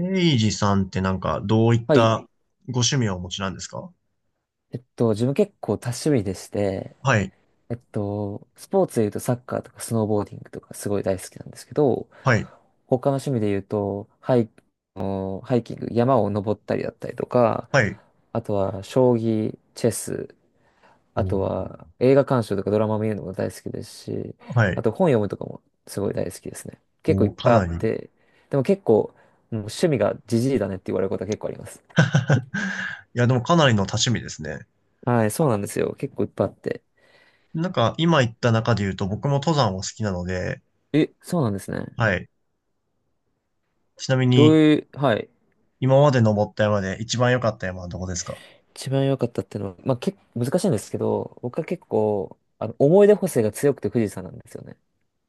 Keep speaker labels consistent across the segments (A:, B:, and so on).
A: エイジさんってなんかどういっ
B: はい。
A: たご趣味をお持ちなんですか？
B: 自分結構多趣味でして、
A: はい、
B: スポーツで言うとサッカーとかスノーボーディングとかすごい大好きなんですけど、
A: はい、
B: 他の趣味で言うと、ハイキング、山を登ったりだったりとか、
A: はい、
B: あとは将棋、チェス、あ
A: お
B: と
A: ー、
B: は映画鑑賞とかドラマ見るのも大好きですし、
A: は
B: あ
A: い、
B: と本読むとかもすごい大好きですね。結構い
A: お
B: っ
A: ー、か
B: ぱいあ
A: な
B: っ
A: り。
B: て、でも結構、もう趣味がじじいだねって言われることは結構あります。
A: いや、でもかなりの多趣味ですね。
B: はい、そうなんですよ。結構いっぱいあって。
A: なんか今言った中で言うと僕も登山を好きなので、
B: え、そうなんですね。
A: はい。ちなみ
B: どう
A: に
B: いう、はい。
A: 今まで登った山で一番良かった山はどこですか？
B: 一番良かったっていうのは、まあ、結構難しいんですけど、僕は結構、思い出補正が強くて富士山なんですよね。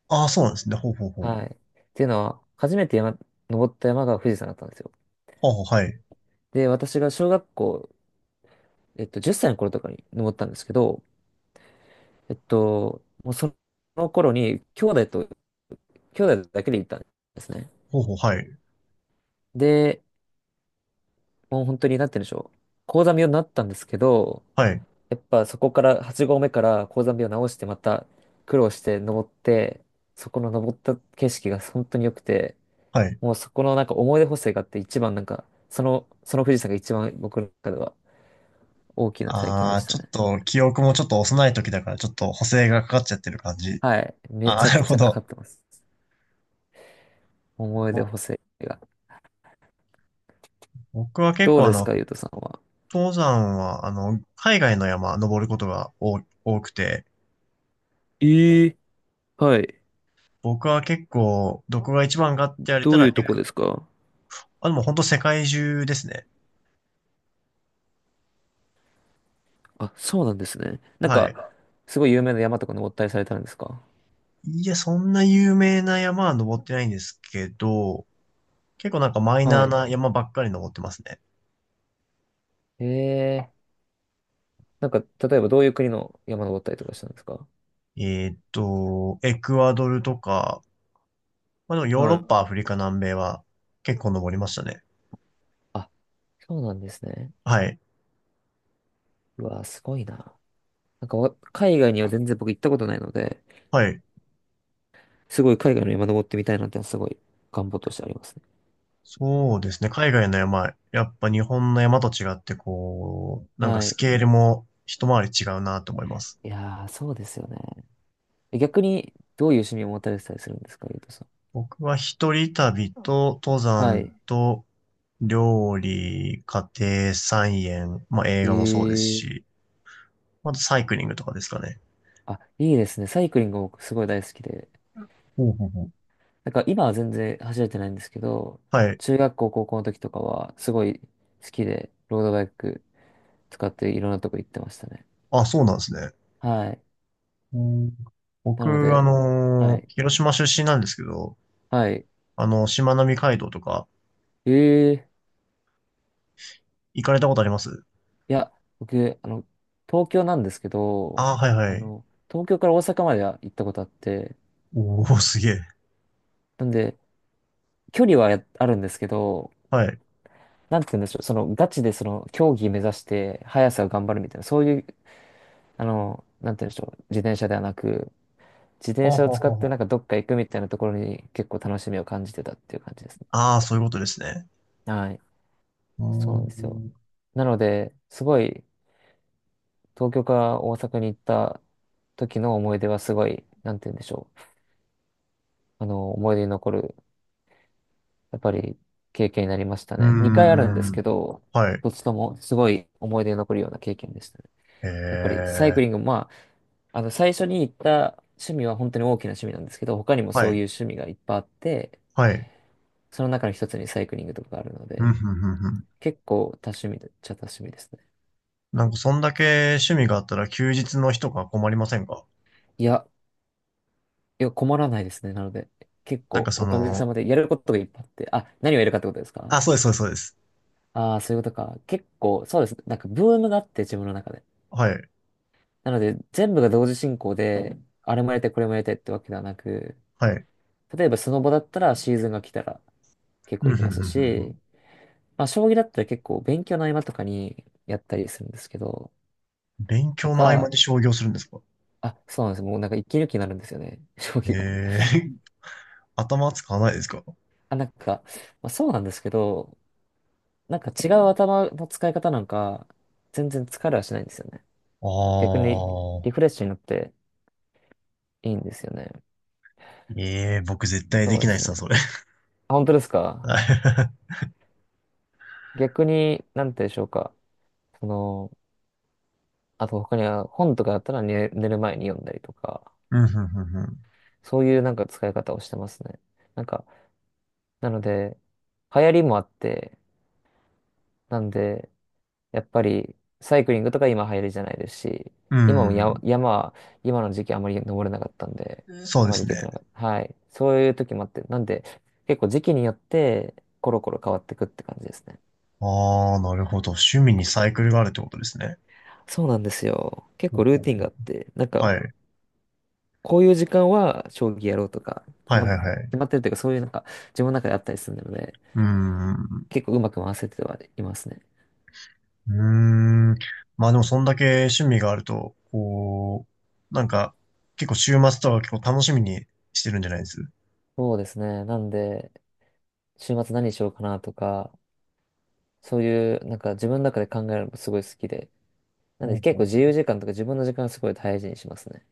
A: ああー、そうなんですね。ほうほうほう。
B: はい。っていうのは、初めて山、登った山が富士山だったんですよ。
A: ほうほう、はい。
B: で、私が小学校、10歳の頃とかに登ったんですけど、もうその頃に、兄弟だけで行ったんですね。
A: ほうほう、はい。
B: で、もう本当に、なんて言うんでしょう。高山病になったんですけど、
A: はい、
B: やっぱそこから8合目から高山病を直してまた苦労して登って、そこの登った景色が本当に良くて、
A: はい。
B: もうそこのなんか思い出補正があって一番なんか、その富士山が一番僕の中では大きな体験
A: あ
B: でし
A: あ、
B: た
A: ちょっ
B: ね。
A: と記憶もちょっと幼い時だからちょっと補正がかかっちゃってる感じ。
B: はい。め
A: ああ、
B: ちゃ
A: な
B: く
A: る
B: ち
A: ほ
B: ゃかか
A: ど。
B: ってます。思い出補正が。
A: 僕は結
B: どう
A: 構
B: ですか、ゆうとさんは。
A: 登山は海外の山登ることが多くて、
B: ええ、はい。
A: 僕は結構、どこが一番かって言われ
B: ど
A: た
B: うい
A: ら、
B: うとこですか？
A: あ、でも本当世界中ですね。
B: あ、そうなんですね。なん
A: は
B: か、
A: い。
B: すごい有名な山とか登ったりされたんですか？
A: いや、そんな有名な山は登ってないんですけど、結構なんかマイナ
B: は
A: ー
B: い。
A: な山ばっかり登ってますね。
B: ええ、なんか、例えばどういう国の山登ったりとかしたんですか？
A: エクアドルとか、まあでもヨーロ
B: は
A: ッ
B: い。
A: パ、アフリカ、南米は結構登りましたね。
B: あ、そうなんですね。
A: はい。
B: うわ、すごいな。なんかわ、海外には全然僕行ったことないので、
A: はい。
B: すごい海外の山登ってみたいなってのはすごい願望としてありますね。
A: そうですね。海外の山、やっぱ日本の山と違って、こう、なんか
B: は
A: ス
B: い。
A: ケールも一回り違うなと思います。
B: いやー、そうですよね。え逆に、どういう趣味を持たれてたりするんですか、ゆうとさん。
A: 僕は一人旅と登
B: はい。
A: 山と料理、家庭菜園、まあ映
B: え
A: 画もそうです
B: ー、
A: し、あとサイクリングとかですかね。
B: あ、いいですね。サイクリング僕すごい大好きで、
A: ほうほうほう。
B: なんか今は全然走れてないんですけど、
A: はい。
B: 中学校、高校の時とかはすごい好きで、ロードバイク使っていろんなとこ行ってましたね。
A: あ、そうなんですね。
B: はい。
A: うん。
B: な
A: 僕、
B: ので、はい。
A: 広島出身なんですけど、
B: はい。
A: あの、しまなみ海道とか
B: ええ、
A: 行かれたことあります？
B: いや、僕、あの、東京なんですけど、
A: あ、はいはい。
B: 東京から大阪までは行ったことあって、
A: おー、すげえ。
B: なんで、距離はやあるんですけど、
A: はい。
B: なんて言うんでしょう、その、ガチでその、競技目指して、速さを頑張るみたいな、そういう、なんて言うんでしょう、自転車ではなく、自転
A: ほう
B: 車を
A: ほう
B: 使
A: ほ
B: っ
A: う
B: て
A: ほ
B: なん
A: う。
B: かどっか行くみたいなところに結構楽しみを感じてたっていう感じですね。
A: ああ、そういうことですね。
B: はい。
A: うー
B: そうなんですよ。
A: ん。う
B: なので、すごい東京から大阪に行った時の思い出はすごい、なんて言うんでしょう。思い出に残る、やっぱり経験になりました
A: ー
B: ね。2回あるんです
A: ん。
B: けど、
A: はい。
B: どっちともすごい思い出に残るような経験でしたね。
A: え
B: やっぱりサイク
A: え。
B: リング、まあ、最初に行った趣味は本当に大きな趣味なんですけど、他にも
A: は
B: そうい
A: い。
B: う趣味がいっぱいあって、
A: はい。
B: その中の一つにサイクリングとかがあるの
A: ふん、
B: で、
A: ふんふんふん。
B: 結構多趣味でっちゃ多趣味ですね。
A: なんか、そんだけ趣味があったら休日の日とか困りませんか？
B: いや、いや、困らないですね。なので、結
A: なんか
B: 構
A: そ
B: おかげさ
A: の、
B: までやることがいっぱいあって、あ、何をやるかってことですか？
A: あ、そうです、そうです、そうです。
B: ああー、そういうことか。結構、そうですね。なんかブームがあって、自分の中で。
A: はい。
B: なので、全部が同時進行で、うん、あれもやりたい、これもやりたいってわけではなく、
A: はい。
B: 例えばスノボだったらシーズンが来たら結構
A: うん、
B: 行き
A: ふん
B: ま
A: ふ
B: す
A: んふんふ
B: し、
A: ん。
B: まあ、将棋だったら結構勉強の合間とかにやったりするんですけど、
A: 勉
B: と
A: 強の合間
B: か、
A: に商業するんですか？
B: あ、そうなんです。もうなんか一気抜きになるんですよね。将棋が。
A: ええ。頭使わないですか？
B: あ、なんか、まあ、そうなんですけど、なんか違う頭の使い方なんか、全然疲れはしないんですよね。逆
A: あ
B: にリ
A: あ。
B: フレッシュになっていいんですよね。
A: ええ、僕絶対
B: そ
A: で
B: う
A: き
B: で
A: ないっ
B: す
A: すわ、
B: ね。
A: それ。
B: あ本当です か？
A: はい。
B: 逆に、なんて言うんでしょうか。その、あと他には本とかだったら寝る前に読んだりとか、
A: うん、ふんふんふん。
B: そういうなんか使い方をしてますね。なんか、なので、流行りもあって、なんで、やっぱりサイクリングとか今流行りじゃないですし、
A: う
B: 今もや山は、今の時期あまり登れなかったんで、
A: ん。そう
B: あ
A: で
B: まり
A: す
B: 行け
A: ね。
B: てなかった。はい。そういう時もあって、なんで結構時期によってコロコロ変わってくって感じですね。
A: ああ、なるほど。趣味にサイクルがあるってことですね。
B: そうなんですよ。結
A: ほ
B: 構
A: う
B: ルー
A: ほう
B: ティン
A: ほ
B: が
A: う。
B: あって、なんか
A: はい。
B: こういう時間は将棋やろうとか、
A: はいはいはい。
B: 決まってるというかそういうなんか自分の中であったりするので、
A: うーん。
B: 結構うまく回せてはいますね。
A: うーん。まあでもそんだけ趣味があると、こう、なんか、結構週末とか結構楽しみにしてるんじゃないです？
B: そうですね。なんで、週末何しようかなとか、そういう、なんか自分の中で考えるのもすごい好きで、なん
A: ほ
B: で
A: う
B: 結
A: ほ
B: 構
A: う。
B: 自由時間とか自分の時間はすごい大事にしますね。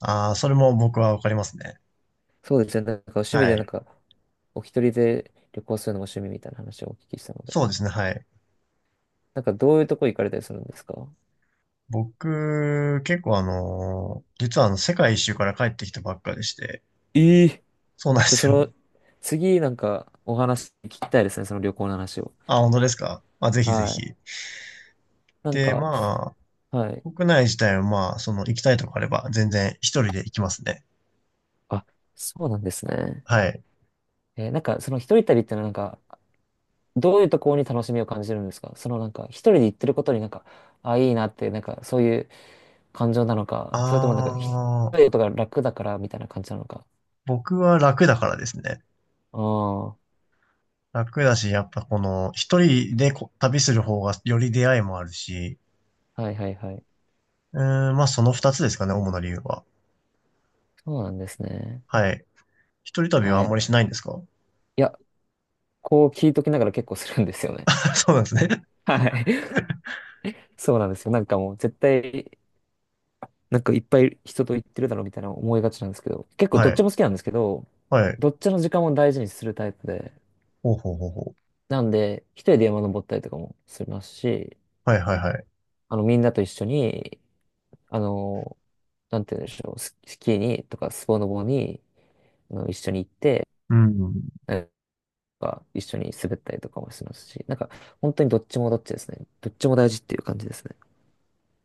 A: ああー、それも僕はわかりますね。
B: そうですね。なんか趣味
A: は
B: でなん
A: い。
B: か、お一人で旅行するのが趣味みたいな話をお聞きしたので。
A: そうですね、はい。
B: なんかどういうとこ行かれたりするんですか？
A: 僕、結構実は世界一周から帰ってきたばっかでして、
B: ええ、
A: そうなんで
B: じゃ、
A: す
B: そ
A: よ。
B: の、次なんかお話聞きたいですね。その旅行の話を。
A: あ、本当ですか？まあ、ぜひぜ
B: は
A: ひ。
B: い。なん
A: で、
B: か、はい。
A: 国内自体はまあ、その行きたいとこあれば全然一人で行きますね。
B: あ、そうなんですね。
A: はい。
B: えー、なんかその一人旅ってのはなんか、どういうところに楽しみを感じるんですか？そのなんか、一人で行ってることになんか、あ、いいなって、なんか、そういう感情なのか、
A: あ
B: それともなんか、一人で
A: あ、
B: とか楽だからみたいな感じなのか。
A: 僕は楽だからですね。
B: ああ、は
A: 楽だし、やっぱこの一人で旅する方がより出会いもあるし、
B: いはいはい。
A: うーん、まあその二つですかね、主な理由は。
B: そうなんですね。
A: はい。一人旅はあ
B: は
A: んま
B: い。
A: りしないんですか？
B: いや、こう聞いときながら結構するんですよね。
A: そうなんですね。
B: はい。そうなんですよ。なんかもう絶対、なんかいっぱい人と行ってるだろうみたいな思いがちなんですけど、結構
A: は
B: どっち
A: い。
B: も好きなんですけど、
A: はい。
B: どっちの時間も大事にするタイプで、
A: ほうほうほうほう。
B: なんで、一人で山登ったりとかもしますし、
A: はいはいはい。
B: みんなと一緒に、あの、なんて言うんでしょう、スキーにとかスポノボに、一緒に行って、
A: うん。
B: なんか一緒に滑ったりとかもしますし、なんか本当にどっちもどっちですね。どっちも大事っていう感じですね。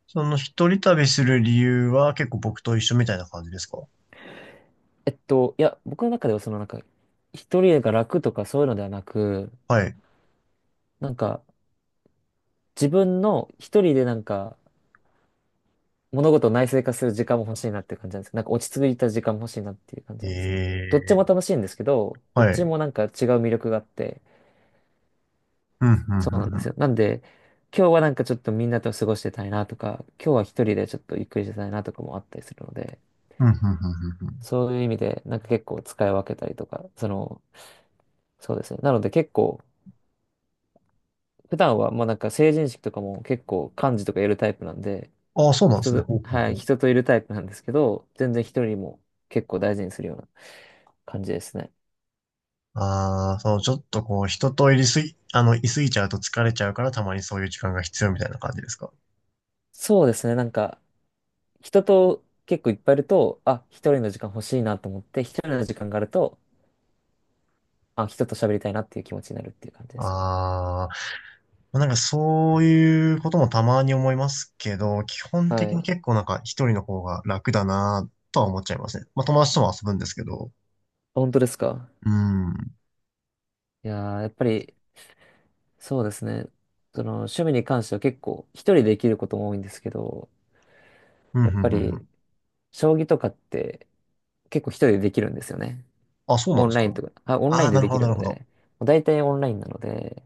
A: その一人旅する理由は結構僕と一緒みたいな感じですか？
B: いや、僕の中ではそのなんか、一人が楽とかそういうのではなく、
A: はい。
B: なんか自分の一人でなんか物事を内省化する時間も欲しいなっていう感じなんですけど、なんか落ち着いた時間も欲しいなっていう感じなんですよね。どっちも
A: ええ。
B: 楽しいんですけど、どっ
A: は
B: ち
A: い。
B: もなんか違う魅力があって、
A: うん、うん、う
B: そうなん
A: ん、
B: で
A: う
B: す
A: ん。
B: よ。なんで、今日はなんかちょっとみんなと過ごしてたいなとか、今日は一人でちょっとゆっくりしてたいなとかもあったりするので、
A: うん、うん、うんうんうん。
B: そういう意味でなんか結構使い分けたりとか、その、そうですね。なので結構、普段はもうなんか成人式とかも結構幹事とかやるタイプなんで、
A: ああ、そうなんで
B: 人
A: すね。
B: と、
A: ほうほう
B: は
A: ほ
B: い、
A: う。
B: 人といるタイプなんですけど、全然一人も結構大事にするような感じですね。
A: ああ、そう、ちょっとこう、人といすぎちゃうと疲れちゃうから、たまにそういう時間が必要みたいな感じですか。
B: そうですね。なんか、人と結構いっぱいいると、あ、一人の時間欲しいなと思って、一人の時間があると、あ、人と喋りたいなっていう気持ちになるっていう感じですね。
A: ああ、なんかそういうこともたまに思いますけど、基本
B: は
A: 的に
B: い。
A: 結構なんか一人の方が楽だなとは思っちゃいますね。まあ友達とも遊ぶんですけど。
B: 本当ですか？
A: うん。うん、
B: いやー、やっぱり、そうですね。その、趣味に関しては結構、一人でできることも多いんですけど、
A: うん、う
B: や
A: ん、
B: っぱ
A: う
B: り、
A: ん。
B: 将棋とかって、結構一人でできるんですよね。
A: あ、そうな
B: オ
A: んで
B: ン
A: す
B: ラ
A: か。
B: インとか、あ、オンラ
A: あ
B: イン
A: あ、
B: で
A: なる
B: で
A: ほ
B: き
A: ど、
B: る
A: なる
B: の
A: ほど。
B: で、大体オンラインなので、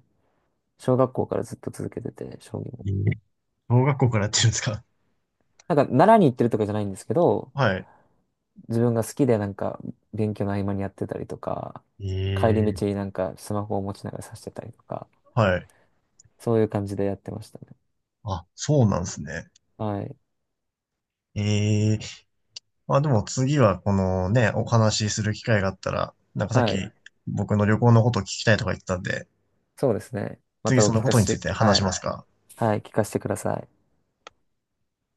B: 小学校からずっと続けてて、将棋も。
A: ええ。小学校からやってるんですか。
B: なんか、習いに行ってるとかじゃないんですけど、
A: はい。
B: 自分が好きでなんか、勉強の合間にやってたりとか、帰り
A: ええ。
B: 道になんかスマホを持ちながら指してたりとか、
A: はい。
B: そういう感じでやってましたね。
A: あ、そうなんですね。
B: はい。
A: ええ。まあでも次はこのね、お話しする機会があったら、なんかさっ
B: は
A: き
B: い。
A: 僕の旅行のことを聞きたいとか言ってたんで、
B: そうですね。ま
A: 次
B: たお
A: そ
B: 聞
A: のこ
B: か
A: とについ
B: せ、
A: て話
B: は
A: し
B: い。
A: ますか？
B: はい。聞かせてください。